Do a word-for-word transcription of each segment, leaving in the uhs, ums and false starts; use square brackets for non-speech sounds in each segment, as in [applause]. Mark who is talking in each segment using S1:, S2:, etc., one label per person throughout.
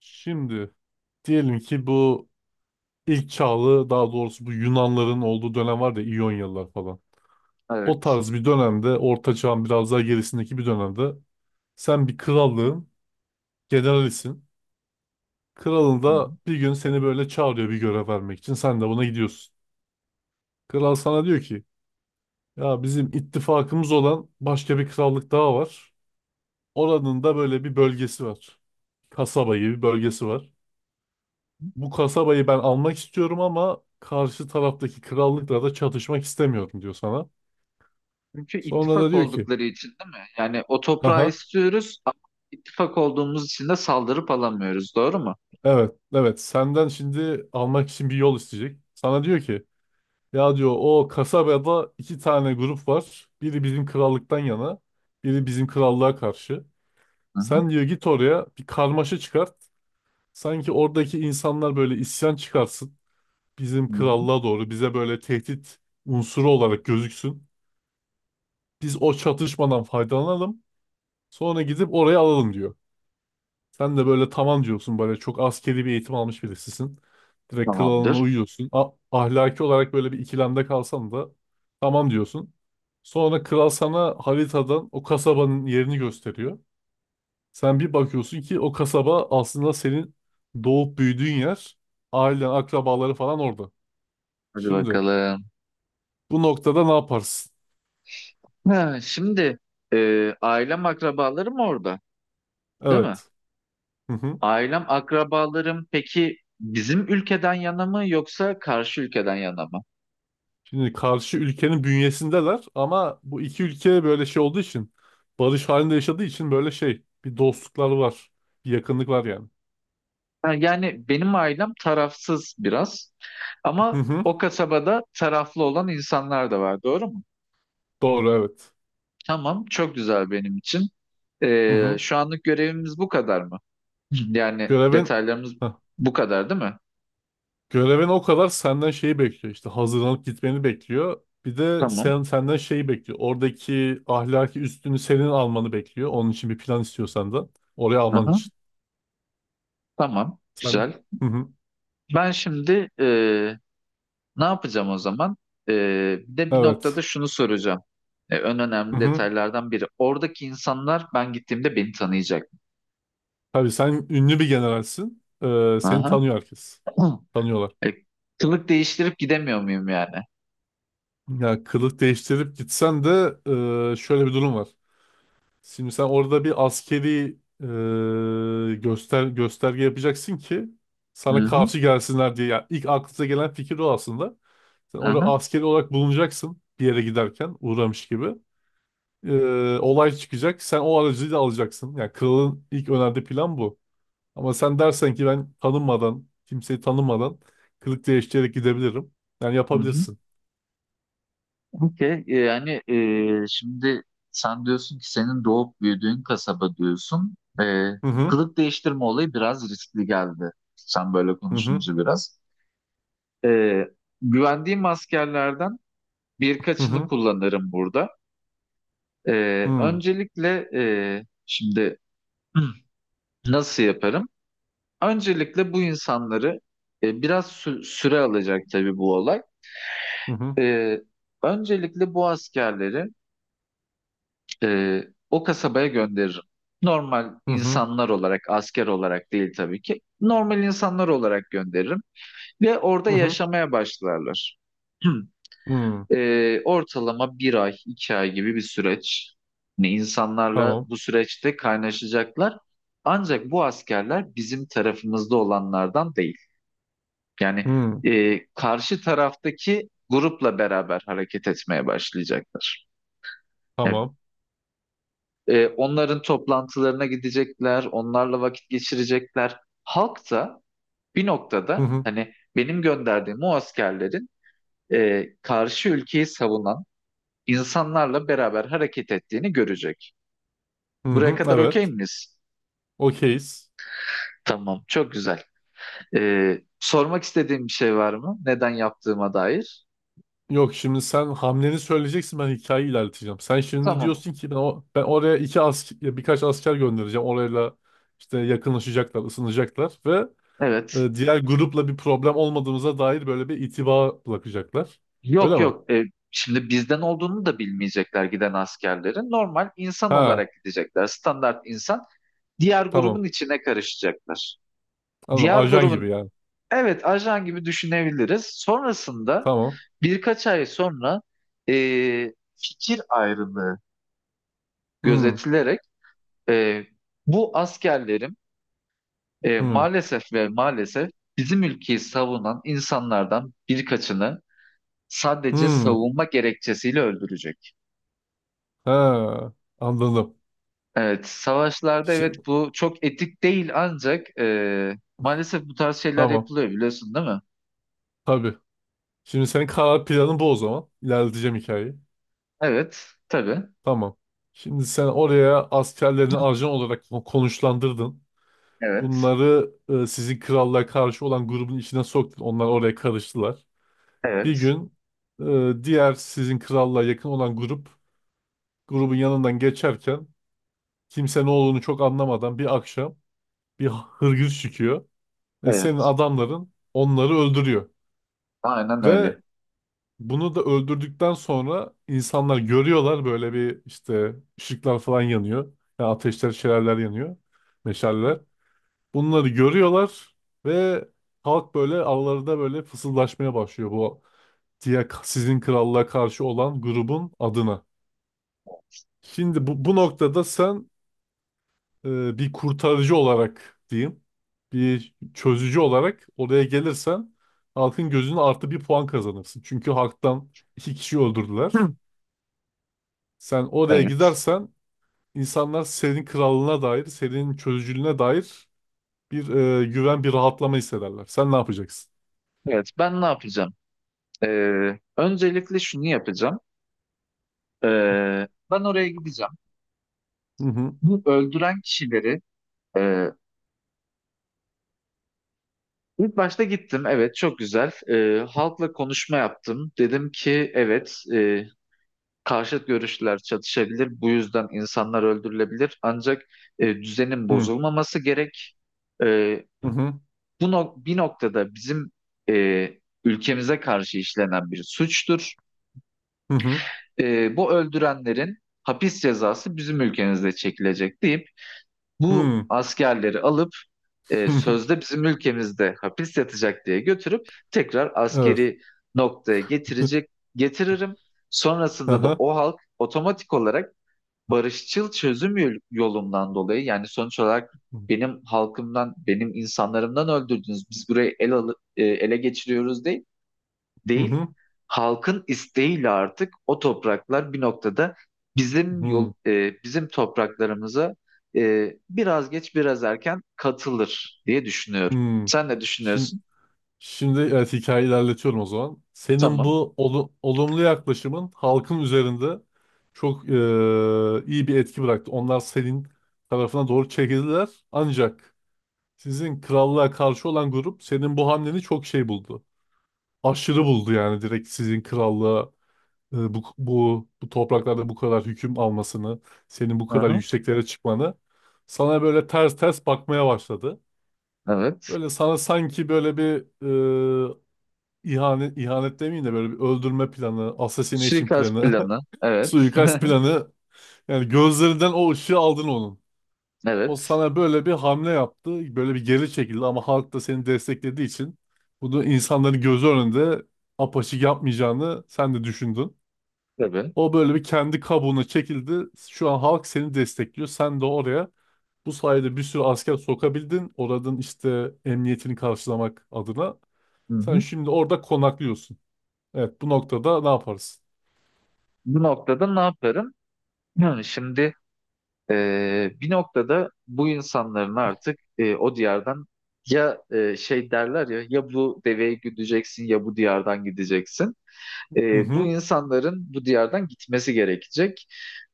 S1: Şimdi diyelim ki bu ilk çağlı daha doğrusu bu Yunanların olduğu dönem var ya İyonyalılar falan. O
S2: Evet.
S1: tarz bir dönemde Orta Çağ'ın biraz daha gerisindeki bir dönemde sen bir krallığın generalisin. Kralın
S2: Hı hı.
S1: da bir gün seni böyle çağırıyor bir görev vermek için. Sen de buna gidiyorsun. Kral sana diyor ki ya bizim ittifakımız olan başka bir krallık daha var. Oranın da böyle bir bölgesi var. Kasaba gibi bir bölgesi var. Bu kasabayı ben almak istiyorum ama karşı taraftaki krallıkla da çatışmak istemiyorum diyor sana.
S2: Çünkü
S1: Sonra da
S2: ittifak
S1: diyor ki,
S2: oldukları için değil mi? Yani o toprağı
S1: haha
S2: istiyoruz ama ittifak olduğumuz için de saldırıp alamıyoruz. Doğru mu?
S1: evet evet senden şimdi almak için bir yol isteyecek. Sana diyor ki ya diyor o kasabada iki tane grup var. Biri bizim krallıktan yana, biri bizim krallığa karşı.
S2: Hı hı.
S1: Sen diyor git oraya bir karmaşa çıkart. Sanki oradaki insanlar böyle isyan çıkarsın. Bizim
S2: Hı hı.
S1: krallığa doğru bize böyle tehdit unsuru olarak gözüksün. Biz o çatışmadan faydalanalım. Sonra gidip oraya alalım diyor. Sen de böyle tamam diyorsun böyle çok askeri bir eğitim almış birisisin. Direkt kralına
S2: Tamamdır.
S1: uyuyorsun. A- ahlaki olarak böyle bir ikilemde kalsan da tamam diyorsun. Sonra kral sana haritadan o kasabanın yerini gösteriyor. Sen bir bakıyorsun ki o kasaba aslında senin doğup büyüdüğün yer. Ailen, akrabaları falan orada.
S2: Hadi
S1: Şimdi
S2: bakalım.
S1: bu noktada ne yaparsın?
S2: Ha, şimdi e, ailem akrabalarım orada, değil mi?
S1: Evet. Hı hı.
S2: Ailem akrabalarım peki bizim ülkeden yana mı yoksa karşı ülkeden yana mı?
S1: Şimdi karşı ülkenin bünyesindeler ama bu iki ülke böyle şey olduğu için barış halinde yaşadığı için böyle şey bir dostlukları var. Bir yakınlık var yani.
S2: Ha, yani benim ailem tarafsız biraz
S1: Hı
S2: ama
S1: hı.
S2: o kasabada taraflı olan insanlar da var. Doğru mu?
S1: Doğru evet.
S2: Tamam, çok güzel benim için.
S1: Hı
S2: Ee,
S1: hı.
S2: şu anlık görevimiz bu kadar mı? [clears throat] Yani
S1: Görevin
S2: detaylarımız
S1: Heh.
S2: bu kadar değil mi?
S1: Görevin o kadar senden şeyi bekliyor işte hazırlanıp gitmeni bekliyor. Bir de
S2: Tamam.
S1: sen senden şeyi bekliyor. Oradaki ahlaki üstünü senin almanı bekliyor. Onun için bir plan istiyor senden. Oraya alman
S2: Aha,
S1: için.
S2: tamam,
S1: Sen
S2: güzel.
S1: hı hı.
S2: Ben şimdi e, ne yapacağım o zaman? E, Bir de bir noktada
S1: Evet.
S2: şunu soracağım. E, en
S1: Hı
S2: önemli
S1: hı.
S2: detaylardan biri. Oradaki insanlar ben gittiğimde beni tanıyacak.
S1: Tabii sen ünlü bir generalsin. Ee, seni
S2: Aha.
S1: tanıyor herkes.
S2: [clears throat]
S1: Tanıyorlar.
S2: E, Kılık değiştirip gidemiyor muyum yani?
S1: Ya kılık değiştirip gitsen de e, şöyle bir durum var. Şimdi sen orada bir askeri e, göster gösterge yapacaksın ki
S2: Hı
S1: sana
S2: hı.
S1: karşı gelsinler diye. Yani ilk aklınıza gelen fikir o aslında. Sen orada
S2: Aha.
S1: askeri olarak bulunacaksın bir yere giderken uğramış gibi. E, olay çıkacak. Sen o aracıyla alacaksın. Yani kralın ilk önerdiği plan bu. Ama sen dersen ki ben tanınmadan, kimseyi tanımadan kılık değiştirerek gidebilirim. Yani
S2: Hı hı.
S1: yapabilirsin.
S2: Okey, e, yani e, şimdi sen diyorsun ki senin doğup büyüdüğün kasaba diyorsun. E,
S1: Hı hı.
S2: kılık değiştirme olayı biraz riskli geldi. Sen böyle
S1: Hı hı.
S2: konuşunca biraz. E, Güvendiğim askerlerden
S1: Hı
S2: birkaçını
S1: hı.
S2: kullanırım burada. E,
S1: Hmm.
S2: Öncelikle e, şimdi [clears throat] nasıl yaparım? Öncelikle bu insanları e, biraz sü- süre alacak tabii bu olay.
S1: Hı hı.
S2: E, Öncelikle bu askerleri Ee, o kasabaya gönderirim. Normal
S1: Hı hı.
S2: insanlar olarak, asker olarak değil tabii ki. Normal insanlar olarak gönderirim ve orada
S1: Hı hı.
S2: yaşamaya başlarlar. [clears throat]
S1: Hmm.
S2: Ee, ortalama bir ay, iki ay gibi bir süreç. Yani insanlarla
S1: Tamam.
S2: bu süreçte kaynaşacaklar. Ancak bu askerler bizim tarafımızda olanlardan değil. Yani
S1: Hmm.
S2: e, karşı taraftaki grupla beraber hareket etmeye başlayacaklar. Ya
S1: Tamam.
S2: E, onların toplantılarına gidecekler, onlarla vakit geçirecekler. Halk da bir
S1: Hı
S2: noktada
S1: hı.
S2: hani benim gönderdiğim o askerlerin e, karşı ülkeyi savunan insanlarla beraber hareket ettiğini görecek.
S1: Hı
S2: Buraya
S1: hı.
S2: kadar okey
S1: Evet.
S2: miyiz?
S1: Okeyiz.
S2: Tamam, çok güzel. E, sormak istediğim bir şey var mı? Neden yaptığıma dair?
S1: Yok şimdi sen hamleni söyleyeceksin ben hikayeyi ilerleteceğim. Sen şimdi
S2: Tamam,
S1: diyorsun ki ben, o, ben oraya iki asker, birkaç asker göndereceğim. Orayla işte yakınlaşacaklar, ısınacaklar ve
S2: evet.
S1: e, diğer grupla bir problem olmadığımıza dair böyle bir itiba bırakacaklar.
S2: Yok
S1: Öyle mi?
S2: yok. E, Şimdi bizden olduğunu da bilmeyecekler giden askerlerin. Normal insan
S1: Ha,
S2: olarak gidecekler. Standart insan diğer
S1: tamam.
S2: grubun içine karışacaklar.
S1: Anladım.
S2: Diğer
S1: Ajan
S2: grubun
S1: gibi yani.
S2: evet ajan gibi düşünebiliriz. Sonrasında
S1: Tamam.
S2: birkaç ay sonra e, fikir ayrılığı
S1: Hmm.
S2: gözetilerek e, bu askerlerim e,
S1: Hmm.
S2: maalesef ve maalesef bizim ülkeyi savunan insanlardan birkaçını sadece
S1: Hmm.
S2: savunma gerekçesiyle öldürecek.
S1: Ha, anladım.
S2: Evet, savaşlarda evet
S1: Şimdi
S2: bu çok etik değil ancak e, maalesef bu tarz şeyler
S1: Tamam.
S2: yapılıyor biliyorsun değil mi?
S1: Tabii. Şimdi senin karar planın bu o zaman. İlerleteceğim hikayeyi.
S2: Evet, tabii.
S1: Tamam. Şimdi sen oraya askerlerini ajan olarak ko- konuşlandırdın.
S2: Evet.
S1: Bunları e, sizin krallığa karşı olan grubun içine soktun. Onlar oraya karıştılar. Bir
S2: Evet.
S1: gün e, diğer sizin krallığa yakın olan grup grubun yanından geçerken kimse ne olduğunu çok anlamadan bir akşam bir hırgür çıkıyor ve senin
S2: Evet.
S1: adamların onları öldürüyor.
S2: Aynen
S1: Ve
S2: öyle.
S1: bunu da öldürdükten sonra insanlar görüyorlar böyle bir işte ışıklar falan yanıyor. Yani ateşler, şelaleler yanıyor. Meşaleler. Bunları görüyorlar ve halk böyle aralarında böyle fısıldaşmaya başlıyor bu diye sizin krallığa karşı olan grubun adına. Şimdi bu, bu noktada sen e, bir kurtarıcı olarak diyeyim, bir çözücü olarak oraya gelirsen halkın gözüne artı bir puan kazanırsın. Çünkü halktan iki kişi
S2: [clears throat]
S1: öldürdüler.
S2: Hı.
S1: Sen oraya
S2: Evet.
S1: gidersen insanlar senin krallığına dair, senin çözücülüğüne dair bir e, güven, bir rahatlama hissederler. Sen ne yapacaksın?
S2: Evet. Ben ne yapacağım? Ee, öncelikle şunu yapacağım. Ee, ben oraya gideceğim.
S1: Hı hı.
S2: Bu öldüren kişileri e, ilk başta gittim. Evet, çok güzel. Ee, halkla konuşma yaptım. Dedim ki evet, e, karşıt görüşler çatışabilir. Bu yüzden insanlar öldürülebilir. Ancak e, düzenin
S1: Hı
S2: bozulmaması gerek. E,
S1: hı.
S2: Bu nok- bir noktada bizim e, ülkemize karşı işlenen bir suçtur.
S1: Hı hı.
S2: E, bu öldürenlerin hapis cezası bizim ülkemizde çekilecek deyip bu
S1: Hı,
S2: askerleri alıp e,
S1: hı.
S2: sözde bizim ülkemizde hapis yatacak diye götürüp tekrar
S1: [laughs] Evet.
S2: askeri noktaya getirecek
S1: [laughs]
S2: getiririm.
S1: Hı
S2: Sonrasında da
S1: hı.
S2: o halk otomatik olarak barışçıl çözüm yol- yolundan dolayı yani sonuç olarak benim halkımdan, benim insanlarımdan öldürdünüz. Biz burayı el alı- e, ele geçiriyoruz değil.
S1: Hı
S2: Değil.
S1: hı.
S2: Halkın isteğiyle artık o topraklar bir noktada bizim yol
S1: Hı
S2: e, bizim topraklarımıza e, biraz geç biraz erken katılır diye düşünüyorum.
S1: hı.
S2: Sen ne
S1: Şimdi,
S2: düşünüyorsun?
S1: şimdi evet hikayeyi ilerletiyorum o zaman. Senin
S2: Tamam.
S1: bu olu- olumlu yaklaşımın halkın üzerinde çok e, iyi bir etki bıraktı. Onlar senin tarafına doğru çekildiler. Ancak sizin krallığa karşı olan grup senin bu hamleni çok şey buldu. Aşırı buldu yani direkt sizin krallığa e, bu, bu, bu topraklarda bu kadar hüküm almasını, senin bu
S2: Hı
S1: kadar
S2: hı.
S1: yükseklere çıkmanı sana böyle ters ters bakmaya başladı.
S2: Evet.
S1: Böyle sana sanki böyle bir e, ihanet, ihanet demeyeyim de böyle bir öldürme planı, assassination
S2: Suikast
S1: planı,
S2: planı.
S1: [laughs]
S2: Evet. [laughs]
S1: suikast planı yani gözlerinden o ışığı aldın onun. O
S2: Evet.
S1: sana böyle bir hamle yaptı. Böyle bir geri çekildi ama halk da seni desteklediği için bunu insanların gözü önünde apaçık yapmayacağını sen de düşündün.
S2: Tabii.
S1: O böyle bir kendi kabuğuna çekildi. Şu an halk seni destekliyor. Sen de oraya bu sayede bir sürü asker sokabildin. Oradan işte emniyetini karşılamak adına.
S2: Hı
S1: Sen
S2: hı.
S1: şimdi orada konaklıyorsun. Evet bu noktada ne yaparız?
S2: Bu noktada ne yaparım? Yani şimdi e, bir noktada bu insanların artık e, o diyardan ya e, şey derler ya ya bu deveyi gideceksin ya bu diyardan gideceksin. E,
S1: Hı
S2: bu
S1: hı.
S2: insanların bu diyardan gitmesi gerekecek.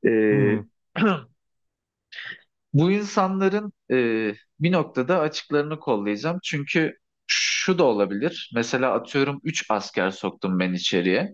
S2: E,
S1: Hı hı.
S2: [clears throat] Bu insanların e, bir noktada açıklarını kollayacağım. Çünkü şu da olabilir. Mesela atıyorum üç asker soktum ben içeriye.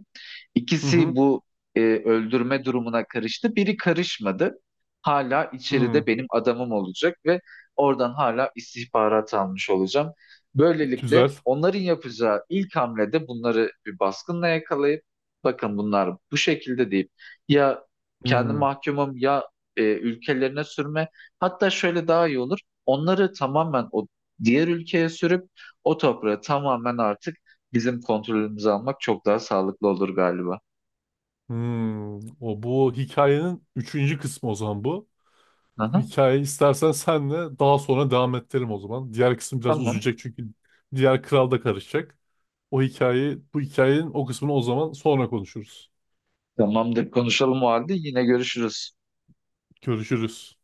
S1: Hı hı.
S2: İkisi bu e, öldürme durumuna karıştı. Biri karışmadı. Hala içeride
S1: Hı.
S2: benim adamım olacak ve oradan hala istihbarat almış olacağım. Böylelikle
S1: Güzel.
S2: onların yapacağı ilk hamlede bunları bir baskınla yakalayıp bakın bunlar bu şekilde deyip ya kendi
S1: Hı.
S2: mahkumum ya e, ülkelerine sürme. Hatta şöyle daha iyi olur. Onları tamamen o diğer ülkeye sürüp o toprağı tamamen artık bizim kontrolümüze almak çok daha sağlıklı olur galiba.
S1: Hmm, o bu hikayenin üçüncü kısmı o zaman bu. Bu
S2: Aha,
S1: hikayeyi istersen senle daha sonra devam ettirelim o zaman. Diğer kısım biraz
S2: tamam.
S1: uzayacak çünkü diğer kral da karışacak. O hikayeyi, bu hikayenin o kısmını o zaman sonra konuşuruz.
S2: Tamamdır. Konuşalım o halde. Yine görüşürüz.
S1: Görüşürüz.